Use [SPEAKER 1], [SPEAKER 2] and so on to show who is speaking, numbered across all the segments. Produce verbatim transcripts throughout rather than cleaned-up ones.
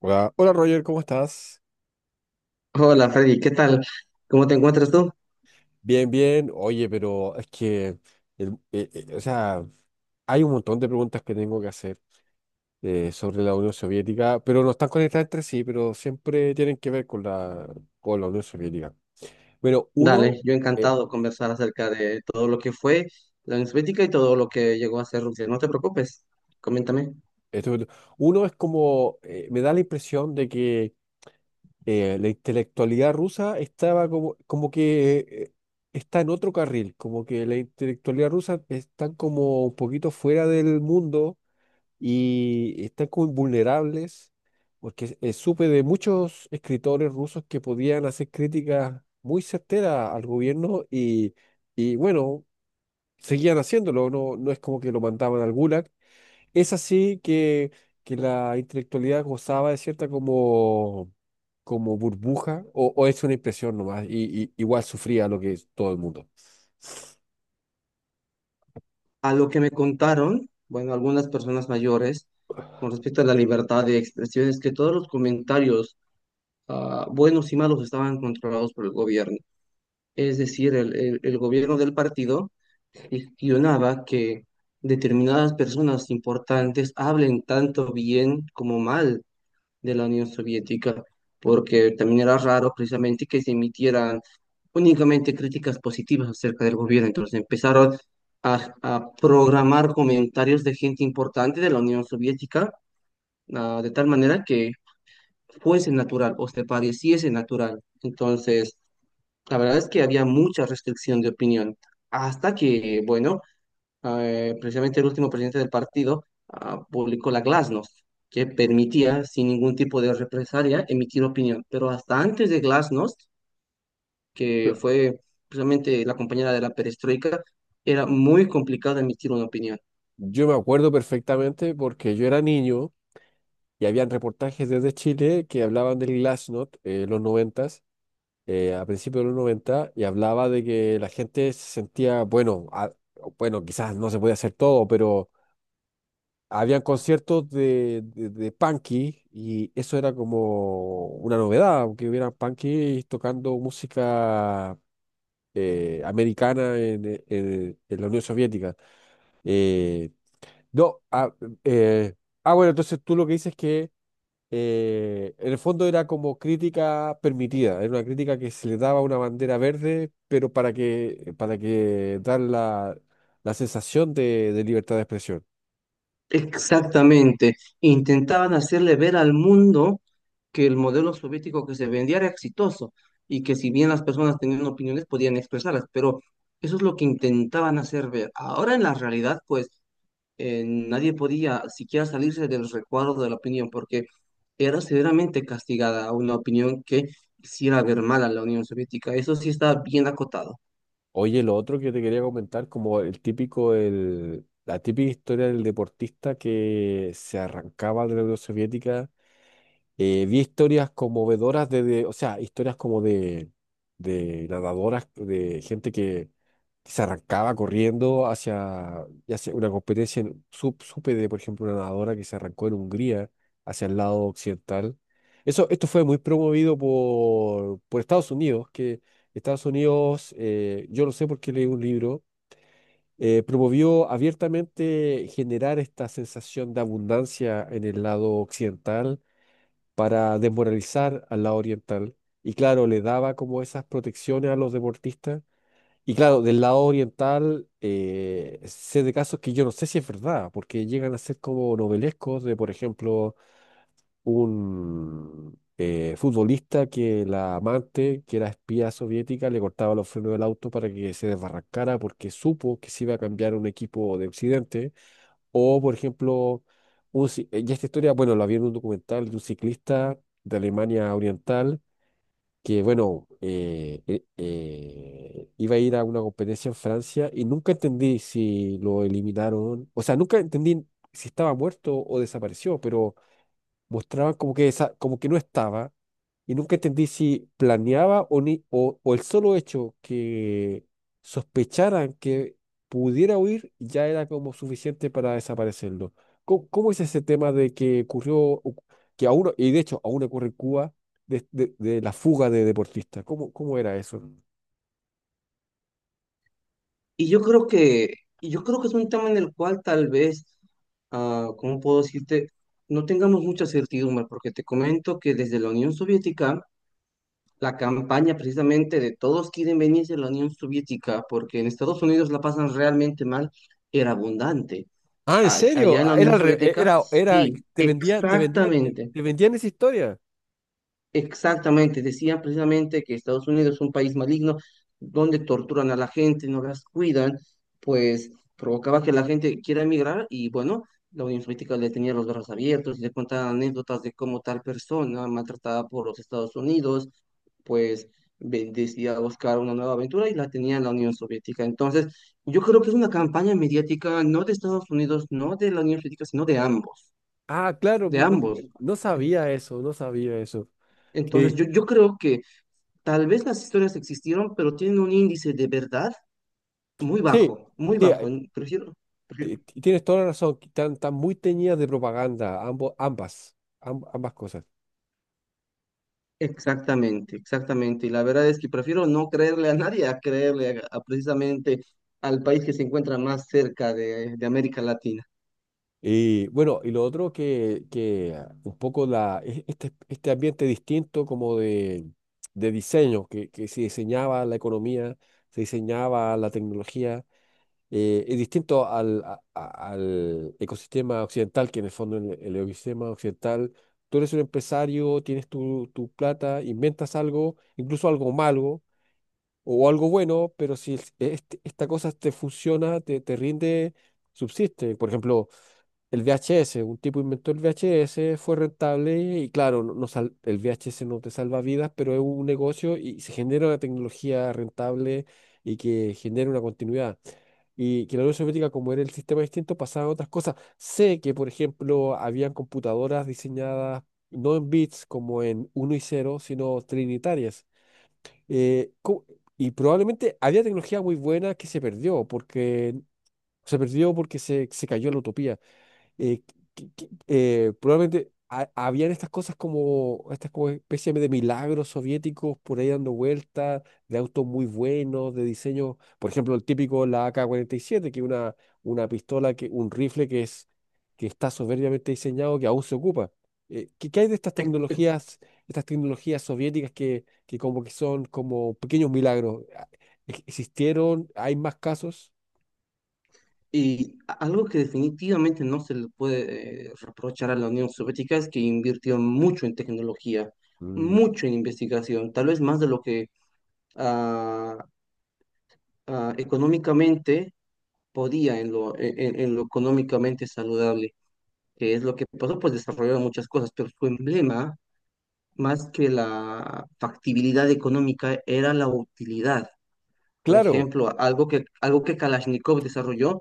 [SPEAKER 1] Hola, hola Roger, ¿cómo estás?
[SPEAKER 2] Hola Freddy, ¿qué tal? ¿Cómo te encuentras tú?
[SPEAKER 1] Bien, bien. Oye, pero es que, el- eh, eh, o sea, hay un montón de preguntas que tengo que hacer eh, sobre la Unión Soviética, pero no están conectadas entre sí, pero siempre tienen que ver con la, con la Unión Soviética. Bueno, uno,
[SPEAKER 2] Dale, yo
[SPEAKER 1] eh,
[SPEAKER 2] encantado de conversar acerca de todo lo que fue la Unión Soviética y todo lo que llegó a ser Rusia. No te preocupes, coméntame.
[SPEAKER 1] esto- uno es como, eh, me da la impresión de que eh, la intelectualidad rusa estaba como, como que eh, está en otro carril, como que la intelectualidad rusa está como un poquito fuera del mundo y están como vulnerables, porque eh, supe de muchos escritores rusos que podían hacer críticas muy certeras al gobierno y, y bueno, seguían haciéndolo, no, no es como que lo mandaban al Gulag. Es así que, que la intelectualidad gozaba de cierta como, como burbuja, o, o es una impresión nomás, y, y igual sufría lo que es todo el mundo.
[SPEAKER 2] A lo que me contaron, bueno, algunas personas mayores, con respecto a la libertad de expresión, es que todos los comentarios, ah, buenos y malos, estaban controlados por el gobierno. Es decir, el, el- el gobierno del partido gestionaba que determinadas personas importantes hablen tanto bien como mal de la Unión Soviética, porque también era raro precisamente que se emitieran únicamente críticas positivas acerca del gobierno. Entonces empezaron a, a programar comentarios de gente importante de la Unión Soviética, ah, de tal manera que fuese natural o se pareciese natural. Entonces, la verdad es que había mucha restricción de opinión, hasta que, bueno, Ah, eh, precisamente el último presidente del partido, ah, publicó la Glasnost, que permitía, sin ningún tipo de represalia, emitir opinión. Pero hasta antes de Glasnost, que fue precisamente la compañera de la perestroika, era muy complicado emitir una opinión.
[SPEAKER 1] Yo me acuerdo perfectamente porque yo era niño. Y habían reportajes desde Chile que hablaban del Glasnost, eh, los noventas, eh, a principios de los noventa y hablaba de que la gente se sentía, bueno, a- bueno, quizás no se podía hacer todo, pero habían conciertos de, de, de punky y eso era como una novedad, aunque hubiera punky tocando música eh, americana en, e, en- en la Unión Soviética. Eh, no, ah, eh, ah, bueno, entonces tú lo que dices es que eh, en el fondo era como crítica permitida, era una crítica que se le daba una bandera verde, pero para que, para que dar la, la sensación de, de libertad de expresión.
[SPEAKER 2] Exactamente. Intentaban hacerle ver al mundo que el modelo soviético que se vendía era exitoso y que si bien las personas tenían opiniones podían expresarlas, pero eso es lo que intentaban hacer ver. Ahora en la realidad, pues eh, nadie podía siquiera salirse del recuadro de la opinión, porque era severamente castigada una opinión que hiciera ver mal a la Unión Soviética. Eso sí está bien acotado.
[SPEAKER 1] Oye, lo otro que te quería comentar, como el típico, el, la típica historia del deportista que se arrancaba de la Unión Soviética. Eh, vi historias conmovedoras de, de- o sea, historias como de, de nadadoras, de gente que se arrancaba corriendo hacia ya una competencia. En- su- supe de, por ejemplo, una nadadora que se arrancó en Hungría hacia el lado occidental. Eso, esto fue muy promovido por, por Estados Unidos, que Estados Unidos, eh, yo lo sé porque leí un libro, eh, promovió abiertamente generar esta sensación de abundancia en el lado occidental para desmoralizar al lado oriental. Y claro, le daba como esas protecciones a los deportistas. Y claro, del lado oriental, eh, sé de casos que yo no sé si es verdad, porque llegan a ser como novelescos de, por ejemplo, un eh, futbolista que la amante, que era espía soviética, le cortaba los frenos del auto para que se desbarrancara porque supo que se iba a cambiar un equipo de Occidente. O, por ejemplo, un ci- eh, y esta historia, bueno, la vi en un documental de un ciclista de Alemania Oriental que, bueno, eh, eh, eh, iba a ir a una competencia en Francia y nunca entendí si lo eliminaron, o sea, nunca entendí si estaba muerto o desapareció, pero mostraban como que, esa, como que no estaba. Y nunca entendí si planeaba o, ni, o, o el solo hecho que sospecharan que pudiera huir ya era como suficiente para desaparecerlo. ¿Cómo, cómo es ese tema de que ocurrió, o- que aún, y de hecho aún ocurre en Cuba, de, de- de la fuga de deportistas? ¿Cómo, cómo era eso?
[SPEAKER 2] Y yo creo que, y yo creo que es un tema en el cual tal vez, ah, ¿cómo puedo decirte? No tengamos mucha certidumbre, porque te comento que desde la Unión Soviética, la campaña precisamente de todos quieren venirse a la Unión Soviética, porque en Estados Unidos la pasan realmente mal, era abundante.
[SPEAKER 1] Ah, ¿en
[SPEAKER 2] a- allá
[SPEAKER 1] serio?
[SPEAKER 2] en la
[SPEAKER 1] Ah, Era,
[SPEAKER 2] Unión
[SPEAKER 1] al re- eh,
[SPEAKER 2] Soviética,
[SPEAKER 1] era, era,
[SPEAKER 2] sí,
[SPEAKER 1] te vendían, te vendían, te,
[SPEAKER 2] exactamente.
[SPEAKER 1] te vendían esa historia.
[SPEAKER 2] Exactamente, decían precisamente que Estados Unidos es un país maligno donde torturan a la gente, no las cuidan, pues provocaba que la gente quiera emigrar y bueno, la Unión Soviética le tenía los brazos abiertos y le contaban anécdotas de cómo tal persona maltratada por los Estados Unidos, pues ve- decía buscar una nueva aventura y la tenía en la Unión Soviética. Entonces, yo creo que es una campaña mediática no de Estados Unidos, no de la Unión Soviética, sino de ambos,
[SPEAKER 1] Ah, claro,
[SPEAKER 2] de
[SPEAKER 1] no,
[SPEAKER 2] ambos.
[SPEAKER 1] no sabía eso, no sabía eso.
[SPEAKER 2] Entonces,
[SPEAKER 1] Que
[SPEAKER 2] yo, yo creo que tal vez las historias existieron, pero tienen un índice de verdad muy
[SPEAKER 1] sí,
[SPEAKER 2] bajo, muy
[SPEAKER 1] sí.
[SPEAKER 2] bajo. N- Prefiero,
[SPEAKER 1] Ti-
[SPEAKER 2] prefiero-
[SPEAKER 1] ti- Tienes toda la razón, que están, están muy teñidas de propaganda, ambos, ambas, am- ambas cosas.
[SPEAKER 2] Exactamente, exactamente. Y la verdad es que prefiero no creerle a nadie a creerle a, a precisamente al país que se encuentra más cerca de, de América Latina.
[SPEAKER 1] Y bueno, y lo otro que, que ah, un poco la, e- este, este ambiente distinto como de, de diseño, que, que se diseñaba la economía, se diseñaba la tecnología, eh, es distinto al, a- a- al ecosistema occidental, que en el fondo el, el ecosistema occidental, tú eres un empresario, tienes tu, tu plata, inventas algo, incluso algo malo o algo bueno, pero si es- este- esta cosa te funciona, te, te rinde, subsiste. Por ejemplo, el V H S, un tipo inventó el V H S, fue rentable y claro, no, no sal- el V H S no te salva vidas, pero es un negocio y se genera una tecnología rentable y que genera una continuidad. Y que la Unión Soviética, como era el sistema distinto, pasaba a otras cosas. Sé que, por ejemplo, habían computadoras diseñadas no en bits como en uno y cero sino trinitarias eh, cu- y probablemente había tecnología muy buena que se perdió porque se perdió porque se, se cayó la utopía eh, que- que- eh, probablemente ha- habían estas cosas como, estas como especie de milagros soviéticos por ahí dando vueltas, de autos muy buenos, de diseño, por ejemplo, el típico, la ak siete que es una, una pistola, que, un rifle que es, que está soberbiamente diseñado, que aún se ocupa. Eh, ¿qué, qué hay de estas
[SPEAKER 2] Ec- ec-
[SPEAKER 1] tecnologías, estas tecnologías soviéticas que, que como que son como pequeños milagros? Ah, ¿ex- ¿Existieron? ¿Hay más casos?
[SPEAKER 2] Y a- algo que definitivamente no se le puede eh, reprochar a la Unión Soviética es que invirtió mucho en tecnología,
[SPEAKER 1] Mm.
[SPEAKER 2] mucho en investigación, tal vez más de lo que ah, ah, económicamente podía en lo, en, en lo económicamente saludable, que es lo que pasó, pues desarrollaron muchas cosas, pero su emblema, más que la factibilidad económica, era la utilidad. Por
[SPEAKER 1] Claro.
[SPEAKER 2] ejemplo, algo que, algo que Kalashnikov desarrolló,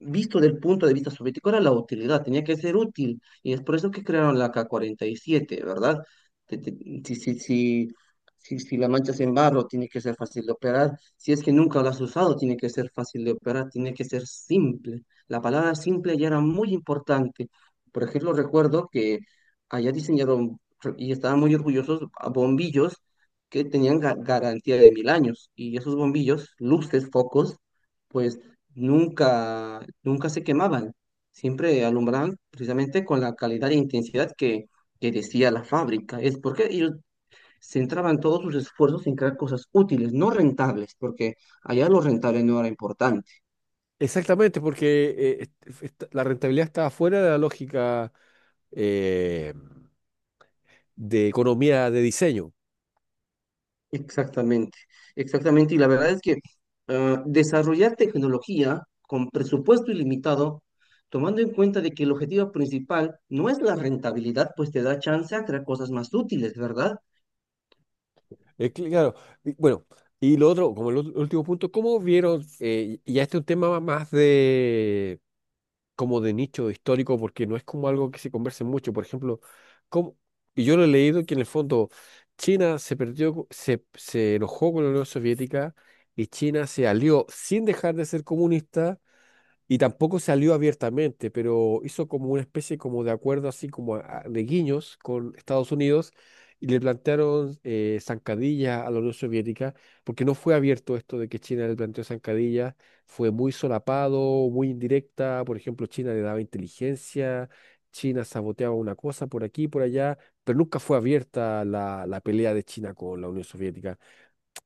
[SPEAKER 2] visto del punto de vista soviético, era la utilidad, tenía que ser útil. Y es por eso que crearon la ka cuarenta y siete, ¿verdad? Te- te- Si, si, si, si. Si la manchas en barro, tiene que ser fácil de operar. Si es que nunca la has usado, tiene que ser fácil de operar, tiene que ser simple. La palabra simple ya era muy importante. Por ejemplo, recuerdo que allá diseñaron y estaban muy orgullosos a bombillos que tenían ga- garantía de mil años y esos bombillos, luces, focos, pues nunca, nunca se quemaban, siempre alumbraban precisamente con la calidad e intensidad que, que decía la fábrica. Es porque ellos centraban todos sus esfuerzos en crear cosas útiles, no rentables, porque allá lo rentable no era importante.
[SPEAKER 1] Exactamente, porque eh, est- est- la rentabilidad está fuera de la lógica eh, de economía de diseño.
[SPEAKER 2] Exactamente, exactamente. Y la verdad es que ah, desarrollar tecnología con presupuesto ilimitado, tomando en cuenta de que el objetivo principal no es la rentabilidad, pues te da chance a crear cosas más útiles, ¿verdad?
[SPEAKER 1] Eh, cl- claro, y bueno, y lo otro, como el ul- último punto, ¿cómo vieron, eh, y- ya este es un tema más de, como de nicho histórico porque no es como algo que se converse mucho. Por ejemplo, como, y yo lo he leído que en el fondo China se perdió, co- se, se enojó con la Unión Soviética y China se alió sin dejar de ser comunista y tampoco salió abiertamente, pero hizo como una especie como de acuerdo así como a- a- de guiños con Estados Unidos y le plantearon eh, zancadilla a la Unión Soviética, porque no fue abierto esto de que China le planteó zancadillas, fue muy solapado, muy indirecta, por ejemplo, China le daba inteligencia, China saboteaba una cosa por aquí, por allá, pero nunca fue abierta la, la pelea de China con la Unión Soviética.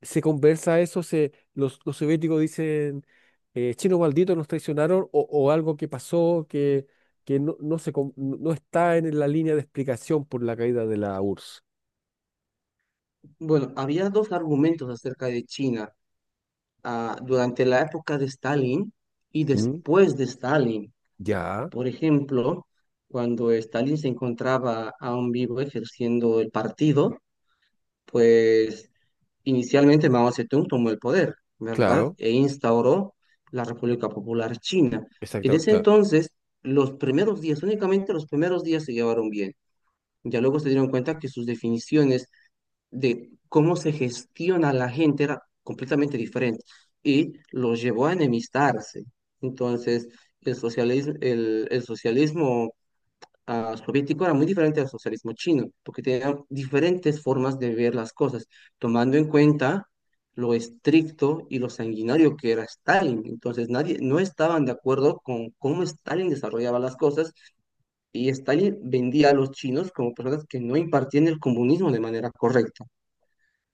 [SPEAKER 1] Se conversa eso, se, los, los soviéticos dicen, eh, chino maldito, nos traicionaron, o, o algo que pasó que, que no, no, se, com- no, no está en la línea de explicación por la caída de la U R S S.
[SPEAKER 2] Bueno, había dos argumentos acerca de China ah, durante la época de Stalin y
[SPEAKER 1] Mm,
[SPEAKER 2] después de Stalin.
[SPEAKER 1] ya,
[SPEAKER 2] Por ejemplo, cuando Stalin se encontraba aún vivo ejerciendo el partido, pues inicialmente Mao Zedong tomó el poder, ¿verdad?
[SPEAKER 1] claro,
[SPEAKER 2] E instauró la República Popular China. En
[SPEAKER 1] exactamente,
[SPEAKER 2] ese
[SPEAKER 1] claro.
[SPEAKER 2] entonces, los primeros días, únicamente los primeros días se llevaron bien. Ya luego se dieron cuenta que sus definiciones de cómo se gestiona la gente era completamente diferente y los llevó a enemistarse. Entonces, el socialismo, el, el socialismo ah, soviético era muy diferente al socialismo chino, porque tenían diferentes formas de ver las cosas, tomando en cuenta lo estricto y lo sanguinario que era Stalin. Entonces, nadie, no estaban de acuerdo con cómo Stalin desarrollaba las cosas y Stalin vendía a los chinos como personas que no impartían el comunismo de manera correcta.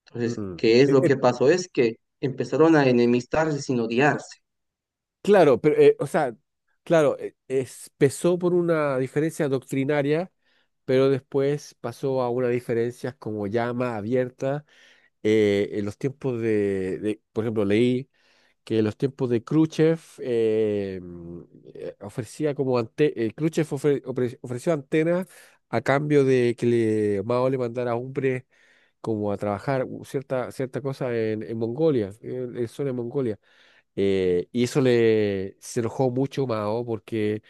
[SPEAKER 2] Entonces,
[SPEAKER 1] Mm.
[SPEAKER 2] ¿qué es
[SPEAKER 1] Eh,
[SPEAKER 2] lo
[SPEAKER 1] eh,
[SPEAKER 2] que pasó? Es que empezaron a enemistarse sin odiarse.
[SPEAKER 1] claro, pero, eh, o sea, claro, eh, es- empezó por una diferencia doctrinaria, pero después pasó a unas diferencias como ya más abiertas. Eh, en los tiempos de, de, por ejemplo, leí que los tiempos de Khrushchev eh, mm, eh, ofrecía como ante, eh, Khrushchev ofre- ofre- ofreció antenas a cambio de que le, Mao le mandara hombres como a trabajar u- cierta, cierta cosa en, en Mongolia, en, en zona de Mongolia. Eh, y eso le se enojó mucho Mao porque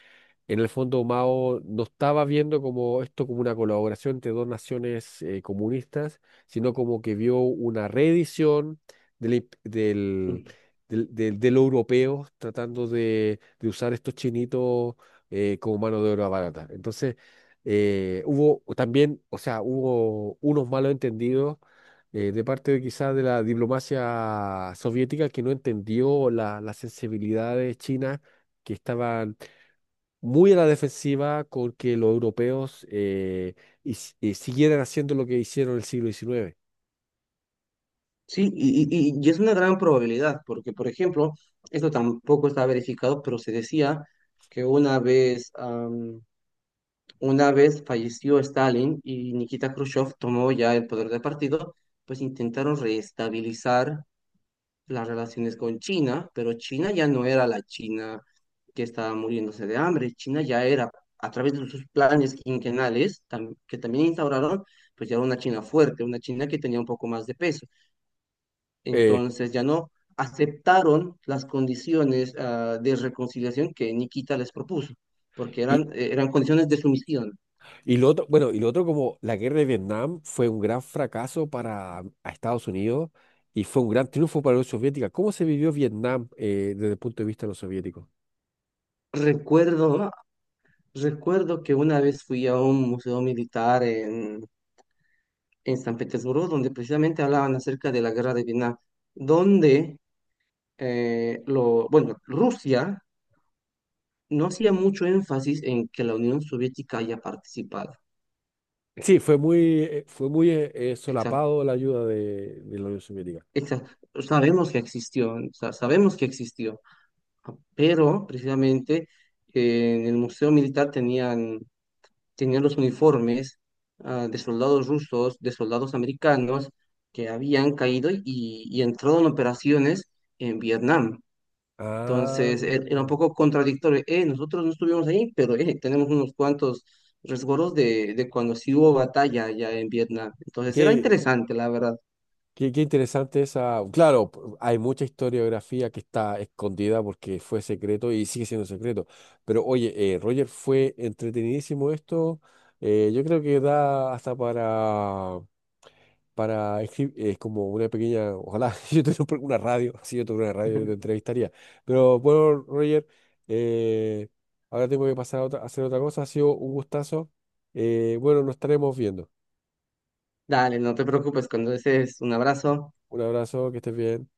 [SPEAKER 1] en el fondo, Mao no estaba viendo como esto como una colaboración entre dos naciones eh, comunistas, sino como que vio una reedición del, imp- del, del, del- de lo europeo tratando de, de usar estos chinitos eh, como mano de obra barata. Entonces, eh, hubo también, o sea, hubo unos malos entendidos eh, de parte de quizás de la diplomacia soviética que no entendió la- las sensibilidades chinas que estaban muy a la defensiva con que los europeos eh, his- eh, siguieran haciendo lo que hicieron en el siglo diecinueve.
[SPEAKER 2] Sí, y, y- y- y es una gran probabilidad, porque, por ejemplo, esto tampoco está verificado, pero se decía que una vez, am, una vez falleció Stalin y Nikita Khrushchev tomó ya el poder del partido, pues intentaron reestabilizar las relaciones con China, pero China ya no era la China que estaba muriéndose de hambre, China ya era, a través de sus planes quinquenales, tam- que también instauraron, pues ya era una China fuerte, una China que tenía un poco más de peso.
[SPEAKER 1] Eh,
[SPEAKER 2] Entonces ya no aceptaron las condiciones ah, de reconciliación que Nikita les propuso, porque
[SPEAKER 1] y,
[SPEAKER 2] eran, eh, eran condiciones de sumisión.
[SPEAKER 1] y lo otro, bueno, y lo otro como la guerra de Vietnam fue un gran fracaso para a Estados Unidos y fue un gran triunfo para la Unión Soviética. ¿Cómo se vivió Vietnam eh, desde el punto de vista de los soviéticos?
[SPEAKER 2] Recuerdo, recuerdo que una vez fui a un museo militar en, en, San Petersburgo, donde precisamente hablaban acerca de la guerra de Vietnam, donde eh, lo, bueno, Rusia no hacía mucho énfasis en que la Unión Soviética haya participado.
[SPEAKER 1] Sí, fue muy, eh, fue muy eh, eh,
[SPEAKER 2] Exacto.
[SPEAKER 1] solapado la ayuda de, de la Unión Soviética.
[SPEAKER 2] Exa- Sabemos que existió, sa- sabemos que existió, pero precisamente eh, en el Museo Militar tenían, tenían los uniformes ah, de soldados rusos, de soldados americanos que habían caído y, y entrado en operaciones en Vietnam.
[SPEAKER 1] Ah,
[SPEAKER 2] Entonces e- era un poco contradictorio. Eh, nosotros no estuvimos ahí, pero eh, tenemos unos cuantos resguardos de, de cuando sí hubo batalla allá en Vietnam.
[SPEAKER 1] ok.
[SPEAKER 2] Entonces era interesante, la verdad.
[SPEAKER 1] Qué, qué interesante esa. Claro, p- hay mucha historiografía que está escondida porque fue secreto y sigue siendo secreto. Pero oye, eh, Roger, fue entretenidísimo esto. Eh, yo creo que da hasta para, para escri- eh, como una pequeña, ojalá yo tuviera un una radio, si yo tuviera una radio yo te entrevistaría. Pero bueno, Roger, eh, ahora tengo que pasar a, otra- a hacer otra cosa. Ha sido un gustazo. Eh, bueno, nos estaremos viendo.
[SPEAKER 2] Dale, no te preocupes, cuando desees, un abrazo.
[SPEAKER 1] Un abrazo, que estés bien.